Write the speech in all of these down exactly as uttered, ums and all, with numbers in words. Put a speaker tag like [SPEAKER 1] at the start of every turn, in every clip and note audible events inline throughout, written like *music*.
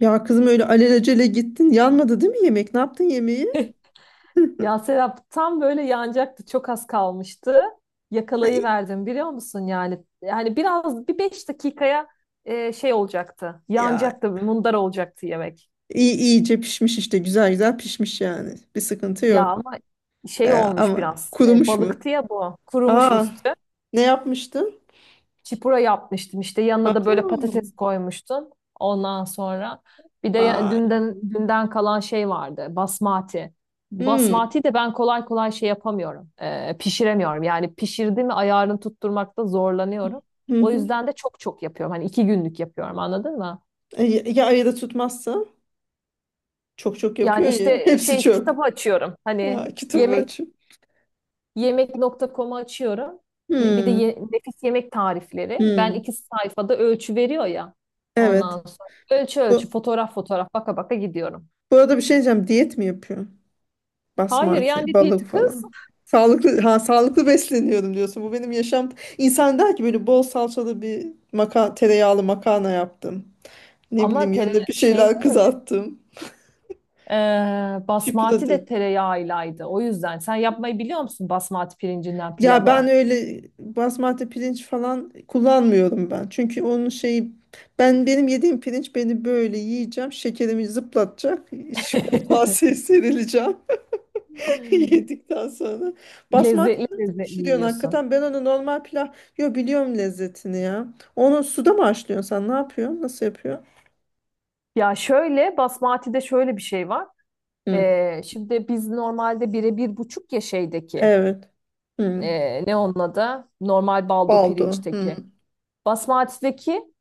[SPEAKER 1] Ya kızım öyle alelacele gittin. Yanmadı değil mi yemek? Ne yaptın yemeği? *laughs*
[SPEAKER 2] Ya Serap tam böyle yanacaktı. Çok az kalmıştı.
[SPEAKER 1] Ay,
[SPEAKER 2] Yakalayıverdim biliyor musun yani. Yani biraz bir beş dakikaya e, şey olacaktı.
[SPEAKER 1] ya
[SPEAKER 2] Yanacaktı, mundar olacaktı yemek.
[SPEAKER 1] iyi iyice pişmiş işte. Güzel güzel pişmiş yani. Bir sıkıntı
[SPEAKER 2] Ya
[SPEAKER 1] yok.
[SPEAKER 2] ama şey
[SPEAKER 1] Ee,
[SPEAKER 2] olmuş
[SPEAKER 1] ama
[SPEAKER 2] biraz. e,
[SPEAKER 1] kurumuş mu?
[SPEAKER 2] balıktı ya bu. Kurumuş
[SPEAKER 1] Aa,
[SPEAKER 2] üstü.
[SPEAKER 1] ne yapmıştın?
[SPEAKER 2] Çipura yapmıştım işte yanına da böyle
[SPEAKER 1] Hmm.
[SPEAKER 2] patates koymuştum. Ondan sonra bir de ya-
[SPEAKER 1] Vay.
[SPEAKER 2] dünden dünden kalan şey vardı basmati.
[SPEAKER 1] Hmm.
[SPEAKER 2] Basmati de ben kolay kolay şey yapamıyorum. Ee, pişiremiyorum. Yani pişirdi mi ayarını tutturmakta zorlanıyorum.
[SPEAKER 1] Hı
[SPEAKER 2] O
[SPEAKER 1] hı.
[SPEAKER 2] yüzden de çok çok yapıyorum. Hani iki günlük yapıyorum anladın mı?
[SPEAKER 1] E, ya ya ayıda tutmazsa? Çok çok
[SPEAKER 2] Yani
[SPEAKER 1] yapıyor ya. *laughs*
[SPEAKER 2] işte
[SPEAKER 1] Hepsi
[SPEAKER 2] şey
[SPEAKER 1] çöp.
[SPEAKER 2] kitabı açıyorum. Hani
[SPEAKER 1] Aa, kitabı
[SPEAKER 2] yemek
[SPEAKER 1] açıp.
[SPEAKER 2] Yemek.com'u açıyorum. Ne- Bir de
[SPEAKER 1] Hmm.
[SPEAKER 2] ye- nefis yemek tarifleri. Ben
[SPEAKER 1] Hmm.
[SPEAKER 2] iki sayfada ölçü veriyor ya. Ondan
[SPEAKER 1] Evet.
[SPEAKER 2] sonra ölçü ölçü
[SPEAKER 1] Bu,
[SPEAKER 2] fotoğraf fotoğraf baka baka gidiyorum.
[SPEAKER 1] bu arada bir şey diyeceğim. Diyet mi yapıyor?
[SPEAKER 2] Hayır
[SPEAKER 1] Basmati,
[SPEAKER 2] yani
[SPEAKER 1] balık
[SPEAKER 2] diyeti kız
[SPEAKER 1] falan. Sağlıklı ha, sağlıklı besleniyorum diyorsun. Bu benim yaşam. İnsan der ki böyle bol salçalı bir maka tereyağlı makarna yaptım. Ne
[SPEAKER 2] ama
[SPEAKER 1] bileyim,
[SPEAKER 2] tere
[SPEAKER 1] yanına bir
[SPEAKER 2] şey de
[SPEAKER 1] şeyler
[SPEAKER 2] öyle.
[SPEAKER 1] kızarttım.
[SPEAKER 2] Ee, basmati de
[SPEAKER 1] Şıpradı.
[SPEAKER 2] tereyağıylaydı. O yüzden sen yapmayı biliyor musun basmati pirincinden
[SPEAKER 1] Ya ben
[SPEAKER 2] pilavı?
[SPEAKER 1] öyle basmati pirinç falan kullanmıyorum ben. Çünkü onun şeyi ben benim yediğim pirinç beni böyle yiyeceğim. Şekerimi zıplatacak. *laughs* iş- Koltuğa
[SPEAKER 2] *laughs*
[SPEAKER 1] se- serileceğim. *laughs* Yedikten sonra. Basmati
[SPEAKER 2] Lezzetli
[SPEAKER 1] nasıl
[SPEAKER 2] lezzetli
[SPEAKER 1] pişiriyorsun
[SPEAKER 2] yiyorsun.
[SPEAKER 1] hakikaten? Ben onu normal pilav... Yo, biliyorum lezzetini ya. Onu suda mı haşlıyorsun sen? Ne yapıyorsun? Nasıl yapıyorsun?
[SPEAKER 2] Ya şöyle basmati de şöyle bir şey var.
[SPEAKER 1] Hı.
[SPEAKER 2] Ee, şimdi biz normalde bire bir buçuk ya şeydeki
[SPEAKER 1] Evet. Hı.
[SPEAKER 2] e, ne onun adı? Normal baldo
[SPEAKER 1] Baldo. Hı.
[SPEAKER 2] pirinçteki. Basmati'deki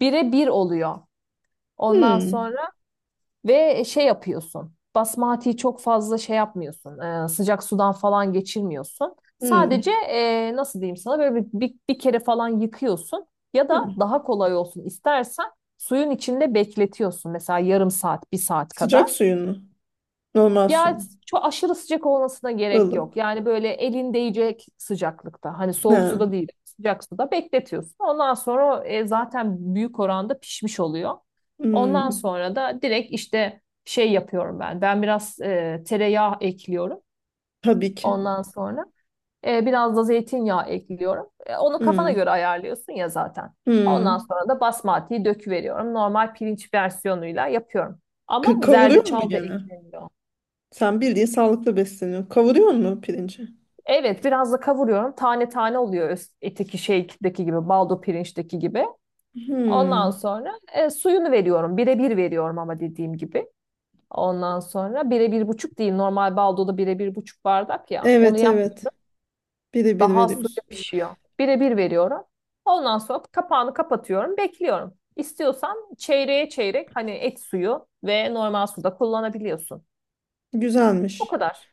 [SPEAKER 2] bire bir oluyor. Ondan
[SPEAKER 1] Hı.
[SPEAKER 2] sonra ve şey yapıyorsun. Basmati'yi çok fazla şey yapmıyorsun. e, sıcak sudan falan geçirmiyorsun.
[SPEAKER 1] Hı.
[SPEAKER 2] Sadece e, nasıl diyeyim sana böyle bir, bir, bir kere falan yıkıyorsun. Ya da
[SPEAKER 1] Hı.
[SPEAKER 2] daha kolay olsun istersen suyun içinde bekletiyorsun. Mesela yarım saat, bir saat kadar.
[SPEAKER 1] Sıcak suyun mu? Normal su
[SPEAKER 2] Ya
[SPEAKER 1] mu?
[SPEAKER 2] çok aşırı sıcak olmasına gerek yok.
[SPEAKER 1] Ilık.
[SPEAKER 2] Yani böyle elin değecek sıcaklıkta. Hani soğuk
[SPEAKER 1] Ha.
[SPEAKER 2] suda değil, sıcak suda bekletiyorsun. Ondan sonra o, e, zaten büyük oranda pişmiş oluyor. Ondan
[SPEAKER 1] Hı.
[SPEAKER 2] sonra da direkt işte şey yapıyorum ben. Ben biraz e, tereyağı ekliyorum.
[SPEAKER 1] Tabii ki.
[SPEAKER 2] Ondan sonra e, biraz da zeytinyağı ekliyorum. E, onu kafana
[SPEAKER 1] Hı.
[SPEAKER 2] göre ayarlıyorsun ya zaten.
[SPEAKER 1] Hı.
[SPEAKER 2] Ondan sonra da basmatiği döküveriyorum. Normal pirinç versiyonuyla yapıyorum. Ama
[SPEAKER 1] K- kavuruyor mu
[SPEAKER 2] zerdeçal da
[SPEAKER 1] gene?
[SPEAKER 2] ekleniyor.
[SPEAKER 1] Sen bildiğin sağlıklı besleniyorsun. Kavuruyor mu pirinci?
[SPEAKER 2] Evet, biraz da kavuruyorum. Tane tane oluyor öz- eteki şeydeki gibi, baldo pirinçteki gibi.
[SPEAKER 1] Hı.
[SPEAKER 2] Ondan sonra e, suyunu veriyorum. Bire bir veriyorum ama dediğim gibi. Ondan sonra bire bir buçuk değil. Normal baldoda bire bir buçuk bardak ya. Onu
[SPEAKER 1] Evet,
[SPEAKER 2] yap.
[SPEAKER 1] evet. Biri bir
[SPEAKER 2] Daha az suyla
[SPEAKER 1] veriyorsun.
[SPEAKER 2] pişiyor. Bire bir veriyorum. Ondan sonra kapağını kapatıyorum. Bekliyorum. İstiyorsan çeyreğe çeyrek hani et suyu ve normal suda kullanabiliyorsun. O
[SPEAKER 1] Güzelmiş.
[SPEAKER 2] kadar.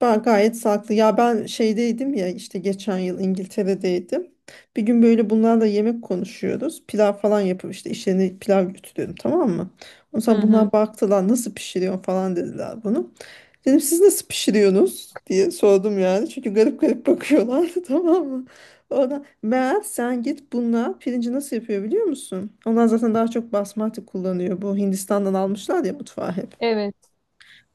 [SPEAKER 1] Ben gayet sağlıklı. Ya ben şeydeydim ya, işte geçen yıl İngiltere'deydim. Bir gün böyle bunlarla yemek konuşuyoruz. Pilav falan yapıp işte işlerine pilav götürüyorum, tamam mı? Ondan
[SPEAKER 2] Hı
[SPEAKER 1] sonra
[SPEAKER 2] hı.
[SPEAKER 1] bunlar baktılar, nasıl pişiriyorsun falan dediler bunu. Dedim siz nasıl pişiriyorsunuz diye sordum yani. Çünkü garip garip bakıyorlardı *laughs* tamam mı? Ona meğer sen git bunlar, pirinci nasıl yapıyor biliyor musun? Onlar zaten daha çok basmati kullanıyor. Bu Hindistan'dan almışlar ya mutfağı hep.
[SPEAKER 2] Evet.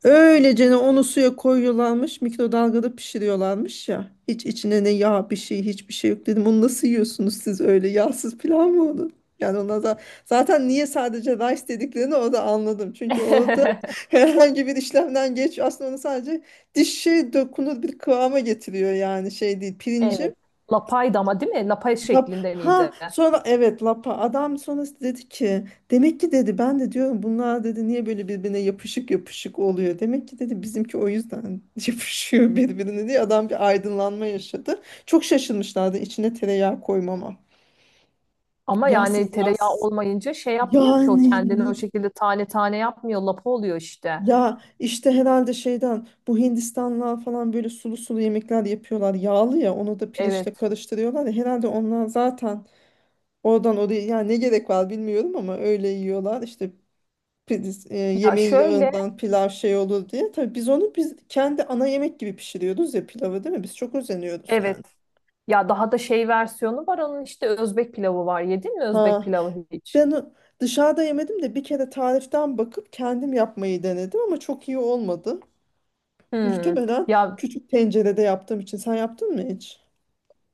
[SPEAKER 1] Öylecene onu suya koyuyorlarmış, mikrodalgada pişiriyorlarmış ya. Hiç içine ne yağ bir şey, hiçbir şey yok dedim. Onu nasıl yiyorsunuz siz, öyle yağsız pilav mı olur? Yani ona da zaten niye sadece rice dediklerini orada anladım. Çünkü orada *laughs*
[SPEAKER 2] *laughs*
[SPEAKER 1] herhangi bir işlemden geç aslında, onu sadece dişe dokunur bir kıvama getiriyor yani, şey değil.
[SPEAKER 2] Evet.
[SPEAKER 1] Pirinci
[SPEAKER 2] Lapaydı ama değil mi? Lapay
[SPEAKER 1] lap
[SPEAKER 2] şeklinde
[SPEAKER 1] ha,
[SPEAKER 2] miydi?
[SPEAKER 1] sonra evet, lapa adam sonra dedi ki demek ki, dedi, ben de diyorum bunlar, dedi, niye böyle birbirine yapışık yapışık oluyor, demek ki dedi bizimki o yüzden *laughs* yapışıyor birbirine diye adam bir aydınlanma yaşadı. Çok şaşırmışlardı içine tereyağı koymama.
[SPEAKER 2] Ama
[SPEAKER 1] Yağsız
[SPEAKER 2] yani tereyağı
[SPEAKER 1] yağsız
[SPEAKER 2] olmayınca şey yapmıyor ki o
[SPEAKER 1] yani,
[SPEAKER 2] kendini o
[SPEAKER 1] ni-
[SPEAKER 2] şekilde tane tane yapmıyor. Lapa oluyor işte.
[SPEAKER 1] ya işte herhalde şeyden, bu Hindistanlılar falan böyle sulu sulu yemekler yapıyorlar yağlı ya, onu da pirinçle
[SPEAKER 2] Evet.
[SPEAKER 1] karıştırıyorlar ya herhalde onlar zaten. Oradan oraya yani, ne gerek var bilmiyorum ama öyle yiyorlar. İşte priz- e,
[SPEAKER 2] Ya
[SPEAKER 1] yemeğin
[SPEAKER 2] şöyle.
[SPEAKER 1] yağından pilav şey olur diye. Tabii biz onu biz kendi ana yemek gibi pişiriyoruz ya pilavı, değil mi? Biz çok özeniyoruz yani.
[SPEAKER 2] Evet. Ya daha da şey versiyonu var onun işte Özbek pilavı var. Yedin mi Özbek
[SPEAKER 1] Ha
[SPEAKER 2] pilavı hiç?
[SPEAKER 1] ben o- dışarıda yemedim de bir kere tariften bakıp kendim yapmayı denedim ama çok iyi olmadı. *laughs*
[SPEAKER 2] Hmm.
[SPEAKER 1] Muhtemelen
[SPEAKER 2] Ya
[SPEAKER 1] küçük tencerede yaptığım için. Sen yaptın mı hiç?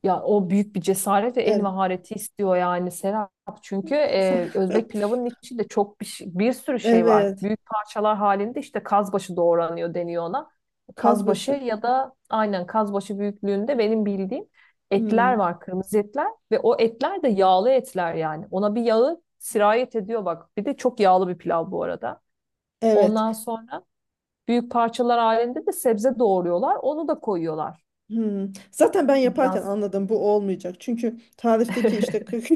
[SPEAKER 2] Ya o büyük bir cesaret ve el
[SPEAKER 1] Evet.
[SPEAKER 2] mahareti istiyor yani Serap. Çünkü e, Özbek
[SPEAKER 1] *laughs*
[SPEAKER 2] pilavının içinde çok bir, şey- bir sürü şey var.
[SPEAKER 1] Evet.
[SPEAKER 2] Büyük parçalar halinde işte kazbaşı doğranıyor deniyor ona. Kazbaşı
[SPEAKER 1] Kazbaşı.
[SPEAKER 2] ya da aynen kazbaşı büyüklüğünde benim bildiğim etler
[SPEAKER 1] Hmm.
[SPEAKER 2] var, kırmızı etler ve o etler de yağlı etler yani. Ona bir yağı sirayet ediyor bak. Bir de çok yağlı bir pilav bu arada.
[SPEAKER 1] Evet.
[SPEAKER 2] Ondan sonra büyük parçalar halinde de sebze doğruyorlar. Onu da koyuyorlar.
[SPEAKER 1] Hmm. Zaten ben
[SPEAKER 2] Bu
[SPEAKER 1] yaparken
[SPEAKER 2] biraz
[SPEAKER 1] anladım bu olmayacak. Çünkü tarifteki işte
[SPEAKER 2] *laughs*
[SPEAKER 1] kırk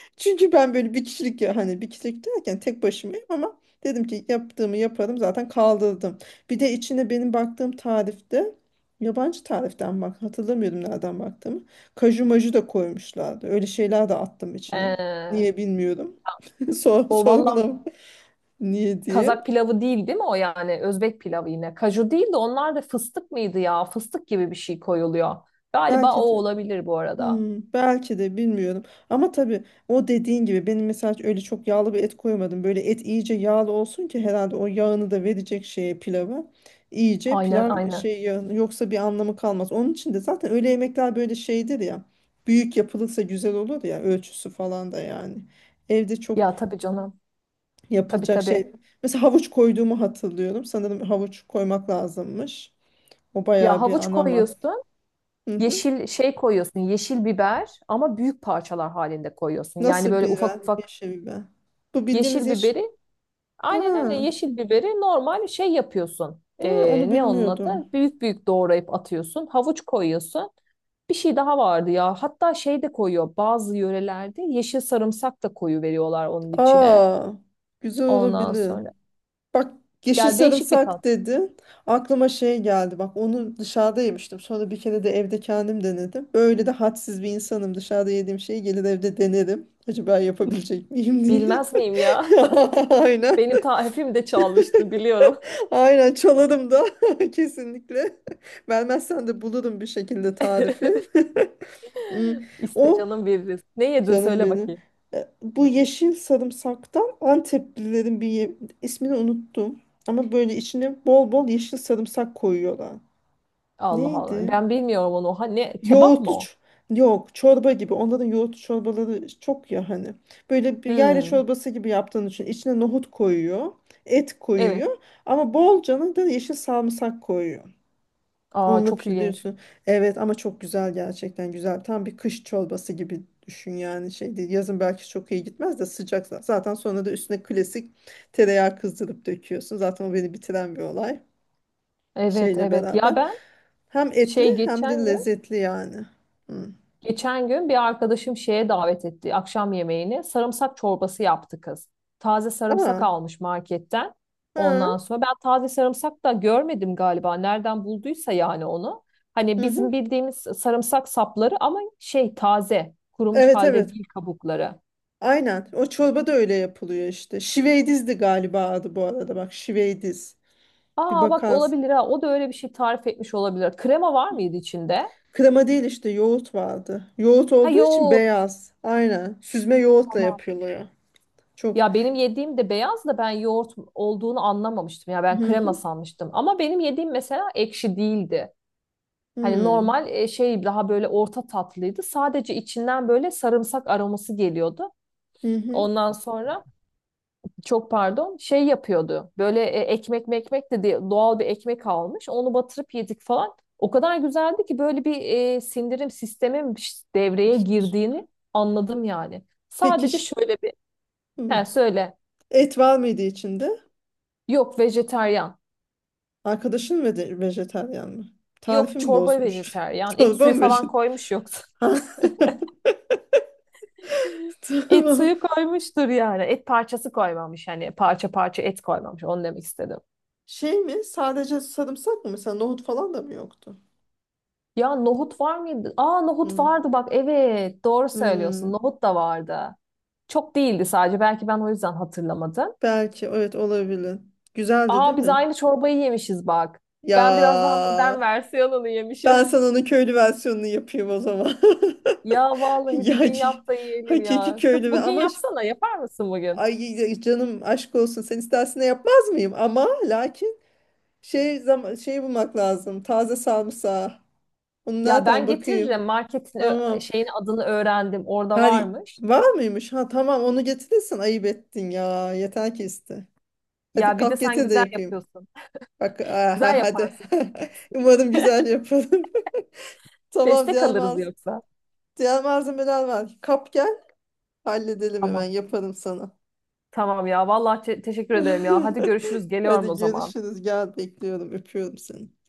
[SPEAKER 1] *laughs* çünkü ben böyle bir kişilik ya, hani bir kişilik derken tek başımayım ama dedim ki yaptığımı yaparım, zaten kaldırdım. Bir de içine benim baktığım tarifte, yabancı tariften bak, hatırlamıyorum nereden baktığımı. Kaju maju da koymuşlardı. Öyle şeyler de attım içine. Niye
[SPEAKER 2] Ee,
[SPEAKER 1] bilmiyorum. *laughs* Sor,
[SPEAKER 2] O valla
[SPEAKER 1] sorgulam *laughs* niye diye.
[SPEAKER 2] Kazak pilavı değil değil mi o yani? Özbek pilavı yine. Kaju değil de onlar da fıstık mıydı ya? Fıstık gibi bir şey koyuluyor. Galiba o
[SPEAKER 1] Belki de.
[SPEAKER 2] olabilir bu arada.
[SPEAKER 1] Hmm, belki de bilmiyorum. Ama tabii o dediğin gibi benim mesela öyle çok yağlı bir et koymadım. Böyle et iyice yağlı olsun ki herhalde o yağını da verecek şeye, pilava. İyice
[SPEAKER 2] Aynen
[SPEAKER 1] pilav
[SPEAKER 2] aynen.
[SPEAKER 1] şey yağını, yoksa bir anlamı kalmaz. Onun için de zaten öyle yemekler böyle şeydir ya. Büyük yapılırsa güzel olur ya, ölçüsü falan da yani. Evde çok
[SPEAKER 2] Ya tabii canım. Tabii
[SPEAKER 1] yapılacak
[SPEAKER 2] tabii.
[SPEAKER 1] şey. Mesela havuç koyduğumu hatırlıyorum. Sanırım havuç koymak lazımmış. O
[SPEAKER 2] Ya
[SPEAKER 1] bayağı bir
[SPEAKER 2] havuç
[SPEAKER 1] ana mad-
[SPEAKER 2] koyuyorsun.
[SPEAKER 1] hı hı.
[SPEAKER 2] Yeşil şey koyuyorsun. Yeşil biber ama büyük parçalar halinde koyuyorsun. Yani
[SPEAKER 1] Nasıl
[SPEAKER 2] böyle ufak
[SPEAKER 1] biber?
[SPEAKER 2] ufak
[SPEAKER 1] Yeşil biber. Bu bildiğimiz
[SPEAKER 2] yeşil
[SPEAKER 1] yeşil.
[SPEAKER 2] biberi. Aynen öyle
[SPEAKER 1] Ha,
[SPEAKER 2] yeşil biberi normal şey yapıyorsun.
[SPEAKER 1] ha,
[SPEAKER 2] Ee,
[SPEAKER 1] onu
[SPEAKER 2] ne onun adı?
[SPEAKER 1] bilmiyordum.
[SPEAKER 2] Büyük büyük doğrayıp atıyorsun. Havuç koyuyorsun. Bir şey daha vardı ya. Hatta şey de koyuyor. Bazı yörelerde yeşil sarımsak da koyu veriyorlar onun içine.
[SPEAKER 1] Aa, güzel
[SPEAKER 2] Ondan
[SPEAKER 1] olabilir.
[SPEAKER 2] sonra.
[SPEAKER 1] Bak, yeşil
[SPEAKER 2] Ya değişik bir tat.
[SPEAKER 1] sarımsak dedin. Aklıma şey geldi. Bak onu dışarıda yemiştim. Sonra bir kere de evde kendim denedim. Böyle de hadsiz bir insanım. Dışarıda yediğim şeyi gelir evde denerim. Acaba yapabilecek miyim diye.
[SPEAKER 2] Bilmez miyim ya?
[SPEAKER 1] *laughs*
[SPEAKER 2] *laughs*
[SPEAKER 1] Aynen.
[SPEAKER 2] Benim tarifim de çalmıştı biliyorum.
[SPEAKER 1] Aynen çalarım da *laughs* kesinlikle. Vermezsen de bulurum bir şekilde tarifi.
[SPEAKER 2] *laughs*
[SPEAKER 1] *laughs* Hmm.
[SPEAKER 2] İste
[SPEAKER 1] O
[SPEAKER 2] canım veririz. Ne yedin
[SPEAKER 1] canım
[SPEAKER 2] söyle
[SPEAKER 1] benim.
[SPEAKER 2] bakayım.
[SPEAKER 1] E, Bu yeşil sarımsaktan Anteplilerin bir ye- ismini unuttum. Ama böyle içine bol bol yeşil sarımsak koyuyorlar.
[SPEAKER 2] Allah Allah.
[SPEAKER 1] Neydi?
[SPEAKER 2] Ben bilmiyorum onu. Ha, ne? Kebap mı
[SPEAKER 1] Yoğurtlu
[SPEAKER 2] o?
[SPEAKER 1] ç- Yok, çorba gibi. Onların yoğurtlu çorbaları çok ya hani. Böyle bir yayla
[SPEAKER 2] Hmm,
[SPEAKER 1] çorbası gibi yaptığın için içine nohut koyuyor. Et
[SPEAKER 2] evet.
[SPEAKER 1] koyuyor. Ama bolcana da yeşil sarımsak koyuyor.
[SPEAKER 2] Aa,
[SPEAKER 1] Onunla
[SPEAKER 2] çok ilginç.
[SPEAKER 1] pişiriyorsun. Evet, ama çok güzel, gerçekten güzel. Tam bir kış çorbası gibi düşün yani, şey değil. Yazın belki çok iyi gitmez de sıcak, za- zaten sonra da üstüne klasik tereyağı kızdırıp döküyorsun. Zaten o beni bitiren bir olay
[SPEAKER 2] Evet
[SPEAKER 1] şeyle
[SPEAKER 2] evet.
[SPEAKER 1] beraber.
[SPEAKER 2] Ya ben
[SPEAKER 1] Hem etli
[SPEAKER 2] Şey
[SPEAKER 1] hem de
[SPEAKER 2] geçen gün,
[SPEAKER 1] lezzetli yani. Hı.
[SPEAKER 2] geçen gün bir arkadaşım şeye davet etti akşam yemeğini. Sarımsak çorbası yaptı kız. Taze sarımsak
[SPEAKER 1] Aa,
[SPEAKER 2] almış marketten. Ondan
[SPEAKER 1] ha,
[SPEAKER 2] sonra ben taze sarımsak da görmedim galiba. Nereden bulduysa yani onu. Hani
[SPEAKER 1] hı hı.
[SPEAKER 2] bizim bildiğimiz sarımsak sapları ama şey taze, kurumuş
[SPEAKER 1] Evet,
[SPEAKER 2] halde
[SPEAKER 1] evet.
[SPEAKER 2] değil kabukları.
[SPEAKER 1] Aynen. O çorba da öyle yapılıyor işte. Şiveydiz de galiba adı, bu arada. Bak, şiveydiz. Bir
[SPEAKER 2] Aa bak
[SPEAKER 1] bakarsın.
[SPEAKER 2] olabilir ha. O da öyle bir şey tarif etmiş olabilir. Krema var mıydı içinde?
[SPEAKER 1] Krema değil, işte yoğurt vardı. Yoğurt
[SPEAKER 2] Ha
[SPEAKER 1] olduğu için
[SPEAKER 2] yok.
[SPEAKER 1] beyaz. Aynen. Süzme yoğurtla
[SPEAKER 2] Tamam.
[SPEAKER 1] yapılıyor. Çok.
[SPEAKER 2] Ya benim yediğim de beyaz da ben yoğurt olduğunu anlamamıştım. Ya ben
[SPEAKER 1] Hı
[SPEAKER 2] krema
[SPEAKER 1] hı.
[SPEAKER 2] sanmıştım. Ama benim yediğim mesela ekşi değildi. Hani
[SPEAKER 1] Hmm.
[SPEAKER 2] normal e, şey daha böyle orta tatlıydı. Sadece içinden böyle sarımsak aroması geliyordu.
[SPEAKER 1] Hı hı.
[SPEAKER 2] Ondan sonra çok pardon şey yapıyordu. Böyle e, ekmek mekmek de diye doğal bir ekmek almış. Onu batırıp yedik falan. O kadar güzeldi ki böyle bir e, sindirim sistemin devreye girdiğini anladım yani.
[SPEAKER 1] Peki
[SPEAKER 2] Sadece
[SPEAKER 1] ş-
[SPEAKER 2] şöyle bir
[SPEAKER 1] hmm.
[SPEAKER 2] he söyle.
[SPEAKER 1] Et var mıydı içinde?
[SPEAKER 2] Yok vejetaryen.
[SPEAKER 1] Arkadaşın ve de vejetaryen mi? Tarifi
[SPEAKER 2] Yok
[SPEAKER 1] mi
[SPEAKER 2] çorba
[SPEAKER 1] bozmuş? *laughs*
[SPEAKER 2] vejeteryan. Et
[SPEAKER 1] Çorba
[SPEAKER 2] suyu
[SPEAKER 1] mı
[SPEAKER 2] falan
[SPEAKER 1] vejetaryen?
[SPEAKER 2] koymuş yoksa.
[SPEAKER 1] *laughs*
[SPEAKER 2] *laughs* Et
[SPEAKER 1] Tamam.
[SPEAKER 2] suyu koymuştur yani. Et parçası koymamış. Hani parça parça et koymamış. Onu demek istedim.
[SPEAKER 1] Şey mi? Sadece sarımsak mı? Mesela nohut falan da mı yoktu?
[SPEAKER 2] Ya nohut var mıydı? Aa nohut
[SPEAKER 1] Hı.
[SPEAKER 2] vardı bak. Evet doğru
[SPEAKER 1] Hmm.
[SPEAKER 2] söylüyorsun. Nohut da vardı. Çok değildi sadece. Belki ben o yüzden hatırlamadım.
[SPEAKER 1] Belki, evet, olabilir. Güzeldi değil
[SPEAKER 2] Aa biz
[SPEAKER 1] mi?
[SPEAKER 2] aynı çorbayı yemişiz bak.
[SPEAKER 1] Ya
[SPEAKER 2] Ben biraz daha modern versiyonunu yemişim.
[SPEAKER 1] ben sana
[SPEAKER 2] *laughs*
[SPEAKER 1] onun köylü versiyonunu yapayım o zaman.
[SPEAKER 2] Ya
[SPEAKER 1] *laughs*
[SPEAKER 2] vallahi bir
[SPEAKER 1] Ya
[SPEAKER 2] gün
[SPEAKER 1] ki-
[SPEAKER 2] yap da yiyelim
[SPEAKER 1] Hakiki
[SPEAKER 2] ya. Kız
[SPEAKER 1] köylü ve
[SPEAKER 2] bugün
[SPEAKER 1] ama ş-
[SPEAKER 2] yapsana. Yapar mısın bugün?
[SPEAKER 1] ay ya canım, aşk olsun, sen istersen de yapmaz mıyım? Ama lakin şey zaman şey bulmak lazım. Taze sarımsağı. Onu
[SPEAKER 2] Ya
[SPEAKER 1] nereden
[SPEAKER 2] ben
[SPEAKER 1] bakayım?
[SPEAKER 2] getiririm. Marketin ö-
[SPEAKER 1] Tamam.
[SPEAKER 2] şeyin adını öğrendim. Orada
[SPEAKER 1] Hadi,
[SPEAKER 2] varmış.
[SPEAKER 1] var mıymış? Ha tamam, onu getirirsen ayıp ettin ya. Yeter ki iste. Hadi
[SPEAKER 2] Ya bir de
[SPEAKER 1] kalk
[SPEAKER 2] sen
[SPEAKER 1] getir de
[SPEAKER 2] güzel
[SPEAKER 1] yapayım.
[SPEAKER 2] yapıyorsun.
[SPEAKER 1] Bak
[SPEAKER 2] Güzel
[SPEAKER 1] aha, hadi. *laughs*
[SPEAKER 2] yaparsın.
[SPEAKER 1] Umarım güzel yaparım. *laughs* Tamam,
[SPEAKER 2] Destek
[SPEAKER 1] diğer
[SPEAKER 2] alırız
[SPEAKER 1] malz
[SPEAKER 2] yoksa.
[SPEAKER 1] diğer malzemeler var. Kap gel. Halledelim, hemen
[SPEAKER 2] Tamam.
[SPEAKER 1] yaparım sana.
[SPEAKER 2] Tamam ya. Vallahi te- teşekkür ederim ya. Hadi görüşürüz.
[SPEAKER 1] *laughs*
[SPEAKER 2] Geliyorum o
[SPEAKER 1] Hadi
[SPEAKER 2] zaman.
[SPEAKER 1] görüşürüz. Gel, bekliyorum. Öpüyorum seni.